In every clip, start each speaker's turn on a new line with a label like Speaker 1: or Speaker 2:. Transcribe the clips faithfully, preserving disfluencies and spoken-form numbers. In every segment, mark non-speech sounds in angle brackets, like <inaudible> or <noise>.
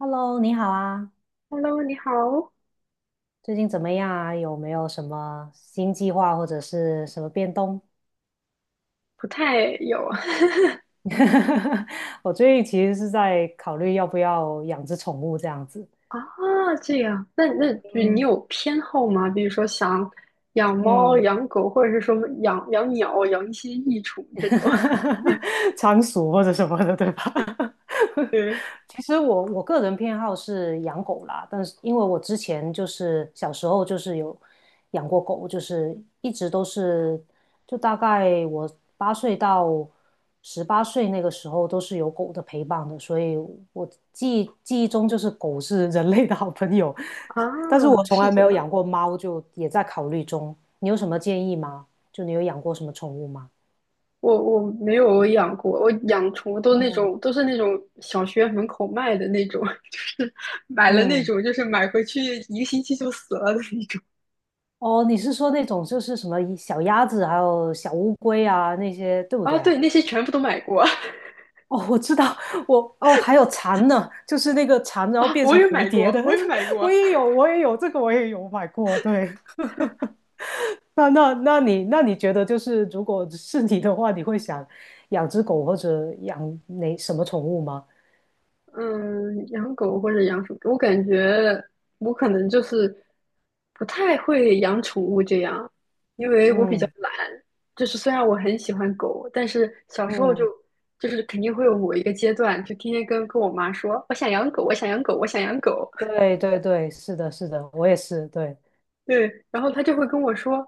Speaker 1: Hello，你好啊，
Speaker 2: Hello，你好。
Speaker 1: 最近怎么样啊？有没有什么新计划或者是什么变动？
Speaker 2: 不太有。
Speaker 1: <laughs> 我最近其实是在考虑要不要养只宠物这样子。
Speaker 2: <laughs> 啊，这样。那那你
Speaker 1: 嗯，
Speaker 2: 有偏好吗？比如说想养猫、
Speaker 1: 嗯，
Speaker 2: 养狗，或者是说养养鸟、养一些益虫这种。
Speaker 1: <laughs> 仓鼠或者什么的，对吧？
Speaker 2: <laughs>
Speaker 1: <laughs>
Speaker 2: 对
Speaker 1: 其实我我个人偏好是养狗啦，但是因为我之前就是小时候就是有养过狗，就是一直都是，就大概我八岁到十八岁那个时候都是有狗的陪伴的，所以我记忆记忆中就是狗是人类的好朋友，
Speaker 2: 啊，
Speaker 1: 但是我从
Speaker 2: 是
Speaker 1: 来没
Speaker 2: 这
Speaker 1: 有
Speaker 2: 样。
Speaker 1: 养过猫，就也在考虑中。你有什么建议吗？就你有养过什么宠物吗？
Speaker 2: 我我没有养过，我养宠物都那
Speaker 1: 嗯。
Speaker 2: 种都是那种小学门口卖的那种。<laughs> 就是买了那
Speaker 1: 嗯，
Speaker 2: 种，就是买回去一个星期就死了的那种。
Speaker 1: 哦，你是说那种就是什么小鸭子，还有小乌龟啊那些，对不
Speaker 2: 啊，
Speaker 1: 对啊？
Speaker 2: 对，那些全部都买过。<laughs>
Speaker 1: 哦，我知道，我哦还有蝉呢，就是那个蝉，然后
Speaker 2: 啊，
Speaker 1: 变
Speaker 2: 我
Speaker 1: 成
Speaker 2: 也
Speaker 1: 蝴
Speaker 2: 买
Speaker 1: 蝶
Speaker 2: 过，
Speaker 1: 的，
Speaker 2: 我也买
Speaker 1: <laughs> 我
Speaker 2: 过。
Speaker 1: 也有，我也有这个，我也有买过。对，<laughs> 那那那你那你觉得就是如果是你的话，你会想养只狗或者养哪什么宠物吗？
Speaker 2: 嗯，养狗或者养鼠，我感觉我可能就是不太会养宠物这样，因为我比较
Speaker 1: 嗯
Speaker 2: 懒。就是虽然我很喜欢狗，但是小时候就
Speaker 1: 嗯，
Speaker 2: 就是肯定会有某一个阶段，就天天跟跟我妈说，我想养狗，我想养狗，我想养狗。
Speaker 1: 对对对，是的，是的，我也是，对，
Speaker 2: 对，然后他就会跟我说：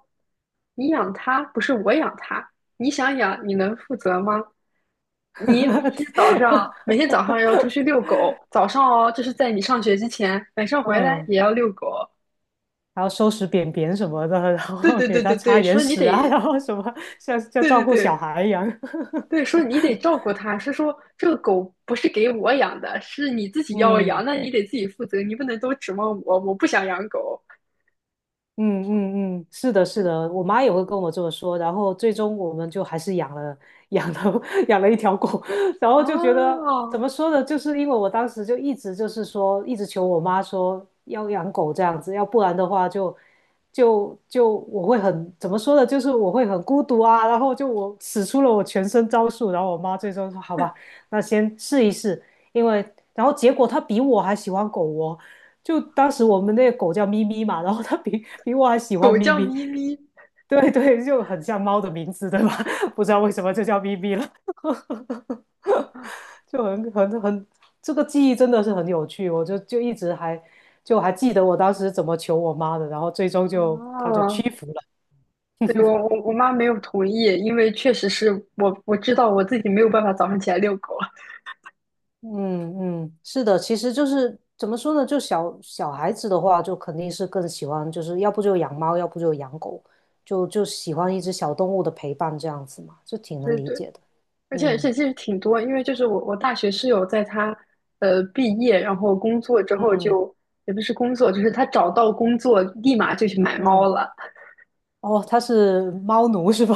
Speaker 2: “你养它不是我养它，你想养你能负责吗？你每天
Speaker 1: <laughs>
Speaker 2: 早上每天早上要出去遛狗，早上哦，这是在你上学之前，晚上回来
Speaker 1: 嗯。
Speaker 2: 也要遛狗。
Speaker 1: 然后收拾便便什么的，<laughs> 然
Speaker 2: 对
Speaker 1: 后
Speaker 2: 对
Speaker 1: 给
Speaker 2: 对
Speaker 1: 它
Speaker 2: 对
Speaker 1: 擦
Speaker 2: 对，
Speaker 1: 眼
Speaker 2: 说你
Speaker 1: 屎啊，<laughs>
Speaker 2: 得
Speaker 1: 然后什么像像
Speaker 2: 对
Speaker 1: 照
Speaker 2: 对
Speaker 1: 顾小
Speaker 2: 对
Speaker 1: 孩一样。<laughs>
Speaker 2: 对，说你得照顾它，是说这个狗不是给我养的，是你自己要养，
Speaker 1: 嗯，
Speaker 2: 那你得自己负责，你不能都指望我，我不想养狗。
Speaker 1: 嗯嗯嗯，是的，是
Speaker 2: 对。
Speaker 1: 的，我妈也会跟我这么说，然后最终我们就还是养了养了 <laughs> 养了一条狗，<laughs> 然后就觉得怎
Speaker 2: 哦，
Speaker 1: 么说呢，就是因为我当时就一直就是说，一直求我妈说要养狗这样子，要不然的话就就就我会很怎么说呢，就是我会很孤独啊，然后就我使出了我全身招数，然后我妈最终说好吧，那先试一试，因为然后结果她比我还喜欢狗哦。就当时我们那个狗叫咪咪嘛，然后它比比我还喜欢
Speaker 2: 狗
Speaker 1: 咪
Speaker 2: 叫
Speaker 1: 咪，
Speaker 2: 咪咪。
Speaker 1: 对对，就很像猫的名字，对吧？<laughs> 不知道为什么就叫咪咪了，就很很很，这个记忆真的是很有趣，我就就一直还就还记得我当时怎么求我妈的，然后最终就她就
Speaker 2: 哦。"
Speaker 1: 屈服了。
Speaker 2: 对，我我我妈没有同意，因为确实是我我知道我自己没有办法早上起来遛狗。
Speaker 1: 嗯嗯，是的，其实就是怎么说呢，就小小孩子的话，就肯定是更喜欢，就是要不就养猫，要不就养狗，就就喜欢一只小动物的陪伴这样子嘛，就挺
Speaker 2: <laughs>
Speaker 1: 能
Speaker 2: 对
Speaker 1: 理
Speaker 2: 对，
Speaker 1: 解的。
Speaker 2: 而且而
Speaker 1: 嗯。
Speaker 2: 且其实挺多，因为就是我我大学室友在她呃毕业然后工作之后
Speaker 1: 嗯
Speaker 2: 就，也不是工作，就是她找到工作立马就去买猫
Speaker 1: 嗯，
Speaker 2: 了。
Speaker 1: 哦，他是猫奴是吧？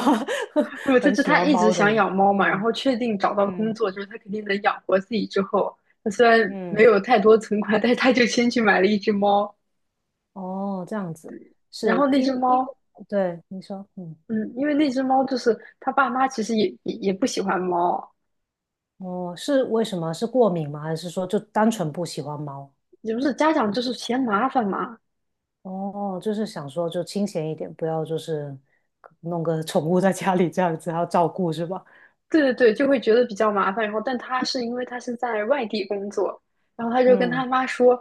Speaker 1: <laughs>
Speaker 2: <laughs> 不，就
Speaker 1: 很
Speaker 2: 是
Speaker 1: 喜
Speaker 2: 她
Speaker 1: 欢
Speaker 2: 一直
Speaker 1: 猫的
Speaker 2: 想
Speaker 1: 人。
Speaker 2: 养猫嘛，然
Speaker 1: 嗯
Speaker 2: 后确定找到工
Speaker 1: 嗯
Speaker 2: 作就是她肯定能养活自己之后，她虽然没
Speaker 1: 嗯，
Speaker 2: 有太多存款，但是她就先去买了一只猫，
Speaker 1: 哦，这样子
Speaker 2: 然
Speaker 1: 是
Speaker 2: 后那
Speaker 1: 因
Speaker 2: 只
Speaker 1: 因
Speaker 2: 猫。
Speaker 1: 为对你说，嗯，
Speaker 2: 嗯，因为那只猫就是他爸妈，其实也也也不喜欢猫。
Speaker 1: 哦，是为什么？是过敏吗？还是说就单纯不喜欢猫？
Speaker 2: 也不是，家长就是嫌麻烦嘛。
Speaker 1: 哦，就是想说就清闲一点，不要就是弄个宠物在家里这样子，还要照顾是吧？
Speaker 2: 对对对，就会觉得比较麻烦。然后，但他是因为他是在外地工作，然后他就跟
Speaker 1: 嗯
Speaker 2: 他妈说：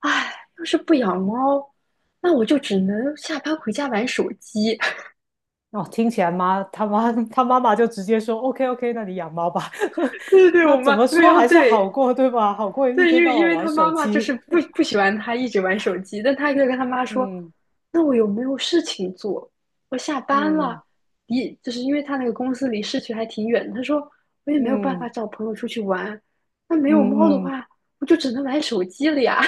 Speaker 2: “哎，要是不养猫，那我就只能下班回家玩手机。<laughs>”
Speaker 1: 哦，听起来妈他妈他妈妈就直接说 OK OK，那你养猫吧。
Speaker 2: 对对
Speaker 1: <laughs>
Speaker 2: 对，
Speaker 1: 那
Speaker 2: 我
Speaker 1: 怎
Speaker 2: 妈
Speaker 1: 么
Speaker 2: 对，然
Speaker 1: 说
Speaker 2: 后
Speaker 1: 还是好
Speaker 2: 对。
Speaker 1: 过对吧？好过一
Speaker 2: 对，因
Speaker 1: 天
Speaker 2: 为
Speaker 1: 到
Speaker 2: 因
Speaker 1: 晚
Speaker 2: 为
Speaker 1: 玩
Speaker 2: 他妈
Speaker 1: 手
Speaker 2: 妈就是
Speaker 1: 机。
Speaker 2: 不不
Speaker 1: <laughs>
Speaker 2: 喜欢他一直玩手机，但他就跟他妈说：
Speaker 1: 嗯
Speaker 2: “那我有没有事情做？我下班
Speaker 1: 嗯
Speaker 2: 了。离就是因为他那个公司离市区还挺远。"他说："我也没有办法
Speaker 1: 嗯
Speaker 2: 找朋友出去玩，那没有猫的
Speaker 1: 嗯嗯，
Speaker 2: 话，我就只能玩手机了呀。"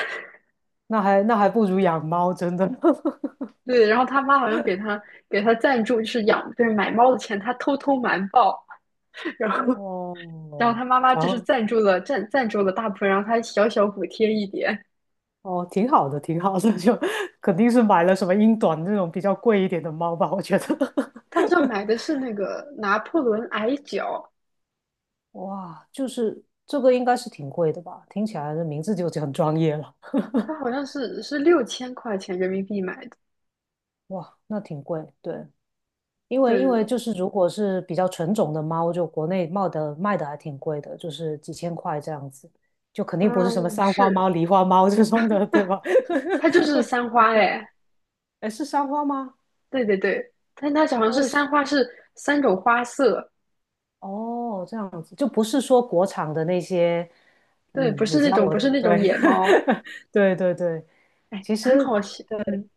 Speaker 1: 那还那还不如养猫，真的。<laughs>
Speaker 2: <laughs> 对，然后他妈好像给他给他赞助，就是养，就是买猫的钱，他偷偷瞒报。<laughs> 然后然后
Speaker 1: 哦，
Speaker 2: 他妈妈
Speaker 1: 然
Speaker 2: 就是
Speaker 1: 后
Speaker 2: 赞助了赞赞助了大部分，然后他小小补贴一点。
Speaker 1: 哦，挺好的，挺好的，<laughs> 就肯定是买了什么英短那种比较贵一点的猫吧，我觉得。
Speaker 2: 他好像
Speaker 1: <laughs>
Speaker 2: 买的是那个拿破仑矮脚。
Speaker 1: 哇，就是这个应该是挺贵的吧？听起来的名字就很专业了。
Speaker 2: 它
Speaker 1: <laughs>
Speaker 2: 好像是是六千块钱人民币买的。
Speaker 1: 哇，那挺贵，对，因为
Speaker 2: 对
Speaker 1: 因
Speaker 2: 对
Speaker 1: 为
Speaker 2: 对。
Speaker 1: 就是如果是比较纯种的猫，就国内卖的卖的还挺贵的，就是几千块这样子，就肯定不是什么
Speaker 2: 嗯，
Speaker 1: 三花
Speaker 2: 是。
Speaker 1: 猫、狸花猫 <laughs> 这种的，对吧？
Speaker 2: 它就是三花哎。
Speaker 1: <laughs> 哎，是三花吗？
Speaker 2: 对对对，但它好像
Speaker 1: 那
Speaker 2: 是
Speaker 1: 为
Speaker 2: 三
Speaker 1: 什
Speaker 2: 花，是三种花色。
Speaker 1: 哦，这样子就不是说国产的那些，
Speaker 2: 对，不
Speaker 1: 嗯，
Speaker 2: 是
Speaker 1: 你知
Speaker 2: 那
Speaker 1: 道
Speaker 2: 种
Speaker 1: 我
Speaker 2: 不
Speaker 1: 的，
Speaker 2: 是那种
Speaker 1: 对，
Speaker 2: 野猫。
Speaker 1: <laughs> 对对对，
Speaker 2: 哎，
Speaker 1: 其
Speaker 2: 很
Speaker 1: 实
Speaker 2: 好笑。嗯，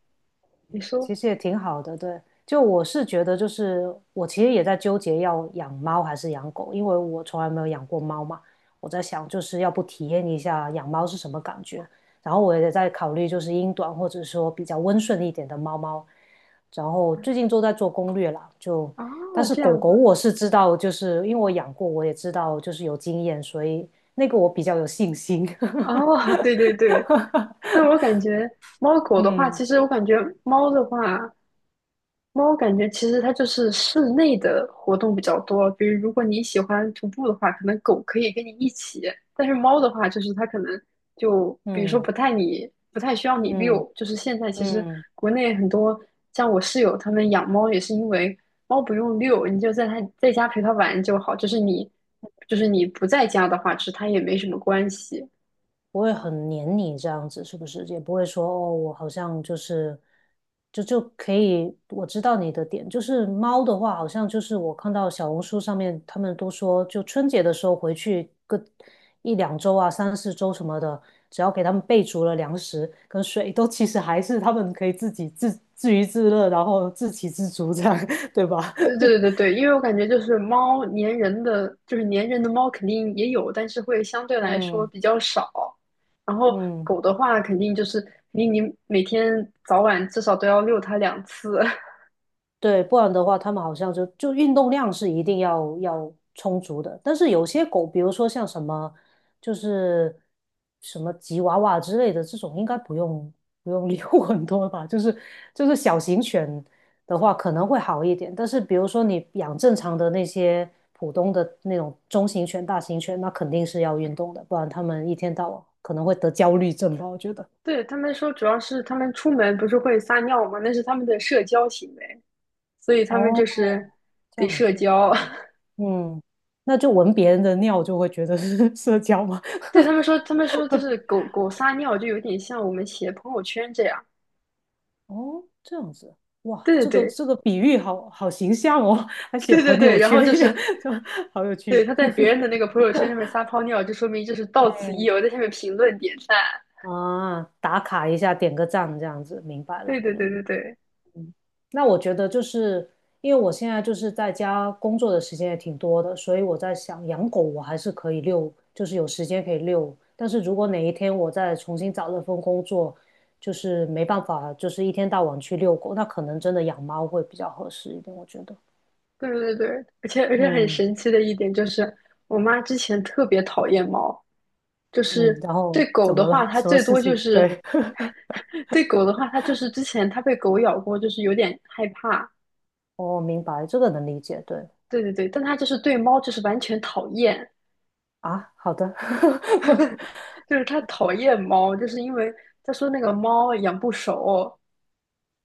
Speaker 2: 你说。
Speaker 1: 其实也挺好的，对。就我是觉得，就是我其实也在纠结要养猫还是养狗，因为我从来没有养过猫嘛。我在想，就是要不体验一下养猫是什么感觉。然后我也在考虑，就是英短或者说比较温顺一点的猫猫。然后最近都在做攻略啦，就
Speaker 2: 哦，
Speaker 1: 但是
Speaker 2: 这
Speaker 1: 狗
Speaker 2: 样
Speaker 1: 狗
Speaker 2: 子。
Speaker 1: 我是知道，就是因为我养过，我也知道就是有经验，所以那个我比较有信心。<laughs>
Speaker 2: 哦，对对对。但我感觉猫狗的话，
Speaker 1: 嗯
Speaker 2: 其实我感觉猫的话，猫感觉其实它就是室内的活动比较多。比如，如果你喜欢徒步的话，可能狗可以跟你一起；但是猫的话，就是它可能就比如说
Speaker 1: 嗯
Speaker 2: 不太你不太需要你
Speaker 1: 嗯
Speaker 2: 遛。就是现在其实
Speaker 1: 嗯。
Speaker 2: 国内很多像我室友他们养猫也是因为猫不用遛，你就在它在家陪它玩就好。就是你就是你不在家的话，其实它也没什么关系。
Speaker 1: 不会很黏你这样子，是不是？也不会说哦，我好像就是就就可以，我知道你的点。就是猫的话，好像就是我看到小红书上面他们都说，就春节的时候回去个一两周啊、三四周什么的，只要给他们备足了粮食跟水，都其实还是他们可以自己自自娱自乐，然后自给自足这样，<laughs> 对吧？
Speaker 2: 对对对对。因为我感觉就是猫粘人的，就是粘人的猫肯定也有，但是会相对
Speaker 1: <laughs>
Speaker 2: 来说
Speaker 1: 嗯
Speaker 2: 比较少。然后
Speaker 1: 嗯。
Speaker 2: 狗的话，肯定就是你你每天早晚至少都要遛它两次。
Speaker 1: 对，不然的话，它们好像就就运动量是一定要要充足的。但是有些狗，比如说像什么，就是什么吉娃娃之类的这种，应该不用不用遛 <laughs> 很多吧。就是就是小型犬的话，可能会好一点。但是比如说你养正常的那些普通的那种中型犬、大型犬，那肯定是要运动的，不然它们一天到晚可能会得焦虑症吧，我觉得。
Speaker 2: <laughs> 对，他们说主要是他们出门不是会撒尿吗？那是他们的社交行为，所以他们
Speaker 1: 哦，
Speaker 2: 就是
Speaker 1: 这
Speaker 2: 得
Speaker 1: 样
Speaker 2: 社
Speaker 1: 子，
Speaker 2: 交。
Speaker 1: 嗯嗯，那就闻别人的尿就会觉得是 <laughs> 社交吗？
Speaker 2: <laughs> 对，他们说，他们说就是狗狗撒尿就有点像我们写朋友圈这样。
Speaker 1: 哦，这样子，哇，
Speaker 2: 对对
Speaker 1: 这个
Speaker 2: 对。
Speaker 1: 这个比喻好好形象哦，还
Speaker 2: <laughs>
Speaker 1: 写
Speaker 2: 对对
Speaker 1: 朋
Speaker 2: 对，
Speaker 1: 友
Speaker 2: 然
Speaker 1: 圈，
Speaker 2: 后就是
Speaker 1: <laughs> 这好有
Speaker 2: 对，
Speaker 1: 趣。
Speaker 2: 他在别人的那个朋友圈上面撒泡尿，就说明就是到此一
Speaker 1: 嗯
Speaker 2: 游，在下面评论点赞。
Speaker 1: 啊，打卡一下，点个赞，这样子，明白
Speaker 2: 对
Speaker 1: 了。
Speaker 2: 对对
Speaker 1: 嗯。
Speaker 2: 对对
Speaker 1: 那我觉得就是因为我现在就是在家工作的时间也挺多的，所以我在想养狗我还是可以遛，就是有时间可以遛。但是如果哪一天我再重新找了份工作，就是没办法，就是一天到晚去遛狗，那可能真的养猫会比较合适一点，我觉得。
Speaker 2: 对对对。而且而且很
Speaker 1: 嗯
Speaker 2: 神奇的一点就是，我妈之前特别讨厌猫，就
Speaker 1: 嗯，
Speaker 2: 是
Speaker 1: 然
Speaker 2: 对
Speaker 1: 后
Speaker 2: 狗
Speaker 1: 怎
Speaker 2: 的
Speaker 1: 么
Speaker 2: 话，
Speaker 1: 了？<laughs>
Speaker 2: 她
Speaker 1: 什么
Speaker 2: 最
Speaker 1: 事
Speaker 2: 多就
Speaker 1: 情？
Speaker 2: 是。
Speaker 1: 对，
Speaker 2: <laughs> 对狗的话，她就是之前她被狗咬过，就是有点害怕。
Speaker 1: <laughs> 我明白，这个能理解。对
Speaker 2: 对对对，但她就是对猫就是完全讨厌，
Speaker 1: 啊，好的。<laughs>
Speaker 2: 就是她讨厌猫，就是因为她说那个猫养不熟。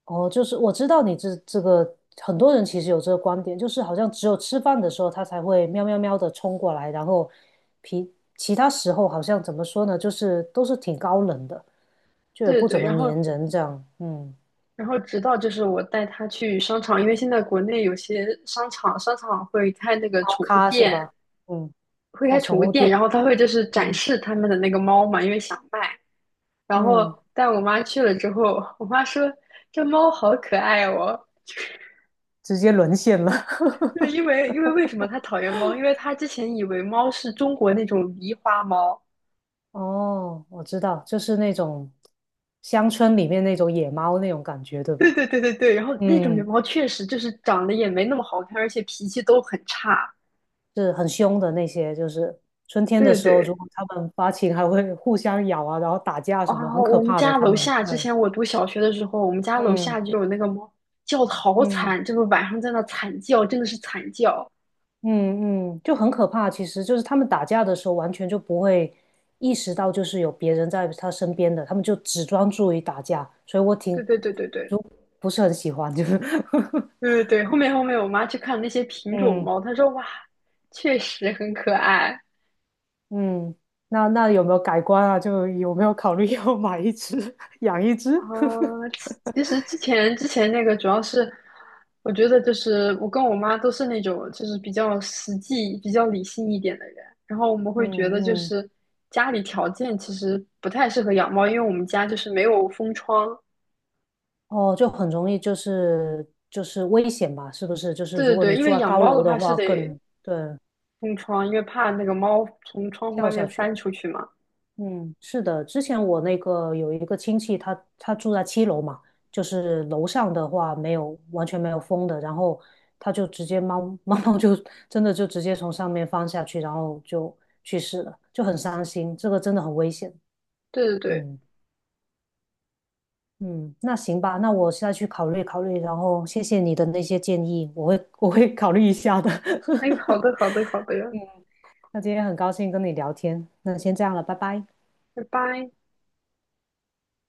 Speaker 1: 哦，就是我知道你这这个很多人其实有这个观点，就是好像只有吃饭的时候它才会喵喵喵的冲过来，然后皮其他时候好像怎么说呢，就是都是挺高冷的，就也
Speaker 2: 对对
Speaker 1: 不怎
Speaker 2: 对，
Speaker 1: 么
Speaker 2: 然后
Speaker 1: 粘人这样，嗯，
Speaker 2: 然后直到就是我带他去商场，因为现在国内有些商场商场会开那个
Speaker 1: 猫
Speaker 2: 宠物
Speaker 1: 咖是
Speaker 2: 店，
Speaker 1: 吧？嗯，
Speaker 2: 会
Speaker 1: 哦，
Speaker 2: 开
Speaker 1: 宠
Speaker 2: 宠物
Speaker 1: 物
Speaker 2: 店，
Speaker 1: 店，
Speaker 2: 然后他会就是展
Speaker 1: 嗯
Speaker 2: 示他们的那个猫嘛，因为想卖然后
Speaker 1: 嗯，
Speaker 2: 带我妈去了之后，我妈说这猫好可爱哦。
Speaker 1: 直接沦陷了。
Speaker 2: 对，因
Speaker 1: <laughs>
Speaker 2: 为因为为什么她讨厌猫？因为她之前以为猫是中国那种狸花猫。
Speaker 1: 哦，我知道，就是那种乡村里面那种野猫那种感觉，对
Speaker 2: 对
Speaker 1: 吧？
Speaker 2: 对对对对。然后那种狸
Speaker 1: 嗯。
Speaker 2: 猫确实就是长得也没那么好看，而且脾气都很差。
Speaker 1: 是很凶的那些，就是春天的
Speaker 2: 对对
Speaker 1: 时候，如
Speaker 2: 对。
Speaker 1: 果它们发情，还会互相咬啊，然后打架什么，
Speaker 2: 啊，
Speaker 1: 很可
Speaker 2: 我们
Speaker 1: 怕的。
Speaker 2: 家
Speaker 1: 它
Speaker 2: 楼
Speaker 1: 们
Speaker 2: 下之
Speaker 1: 对，
Speaker 2: 前我读小学的时候，我们家楼下
Speaker 1: 嗯
Speaker 2: 就有那个猫叫的好
Speaker 1: 嗯
Speaker 2: 惨，就是晚上在那惨叫，真的是惨叫。
Speaker 1: 嗯嗯，就很可怕。其实就是它们打架的时候，完全就不会意识到就是有别人在它身边的，它们就只专注于打架。所以我
Speaker 2: 对
Speaker 1: 挺
Speaker 2: 对对对对
Speaker 1: 就不是很喜欢，就是 <laughs>
Speaker 2: 对对对。后面后面我妈去看那些品种
Speaker 1: 嗯
Speaker 2: 猫，她说哇，确实很可爱。
Speaker 1: 嗯。那那有没有改观啊？就有没有考虑要买一只，<laughs> 养一只？
Speaker 2: 呃，其
Speaker 1: <laughs>
Speaker 2: 其实之前之前那个主要是，我觉得就是我跟我妈都是那种就是比较实际、比较理性一点的人，然后我们
Speaker 1: 嗯
Speaker 2: 会觉得就
Speaker 1: 嗯
Speaker 2: 是家里条件其实不太适合养猫，因为我们家就是没有封窗。
Speaker 1: 哦，就很容易就是就是危险吧，是不是？就是
Speaker 2: 对
Speaker 1: 如
Speaker 2: 对
Speaker 1: 果
Speaker 2: 对，
Speaker 1: 你
Speaker 2: 因
Speaker 1: 住
Speaker 2: 为
Speaker 1: 在
Speaker 2: 养
Speaker 1: 高
Speaker 2: 猫的
Speaker 1: 楼的
Speaker 2: 话是
Speaker 1: 话
Speaker 2: 得
Speaker 1: 更，对
Speaker 2: 封窗，因为怕那个猫从窗户外
Speaker 1: 跳下
Speaker 2: 面
Speaker 1: 去。
Speaker 2: 翻出去嘛。
Speaker 1: 嗯，是的，之前我那个有一个亲戚他，他，住在七楼嘛，就是楼上的话没有完全没有风的，然后他就直接猫 <laughs> 猫猫就真的就直接从上面翻下去，然后就去世了，就很伤心，这个真的很危险。
Speaker 2: 对对对。
Speaker 1: 嗯。嗯，那行吧，那我下去考虑考虑，然后谢谢你的那些建议，我会我会考虑一下的。
Speaker 2: 哎，好
Speaker 1: <laughs>
Speaker 2: 的好的好的。
Speaker 1: 嗯，那今天很高兴跟你聊天，那先这样了，拜拜。
Speaker 2: 拜拜。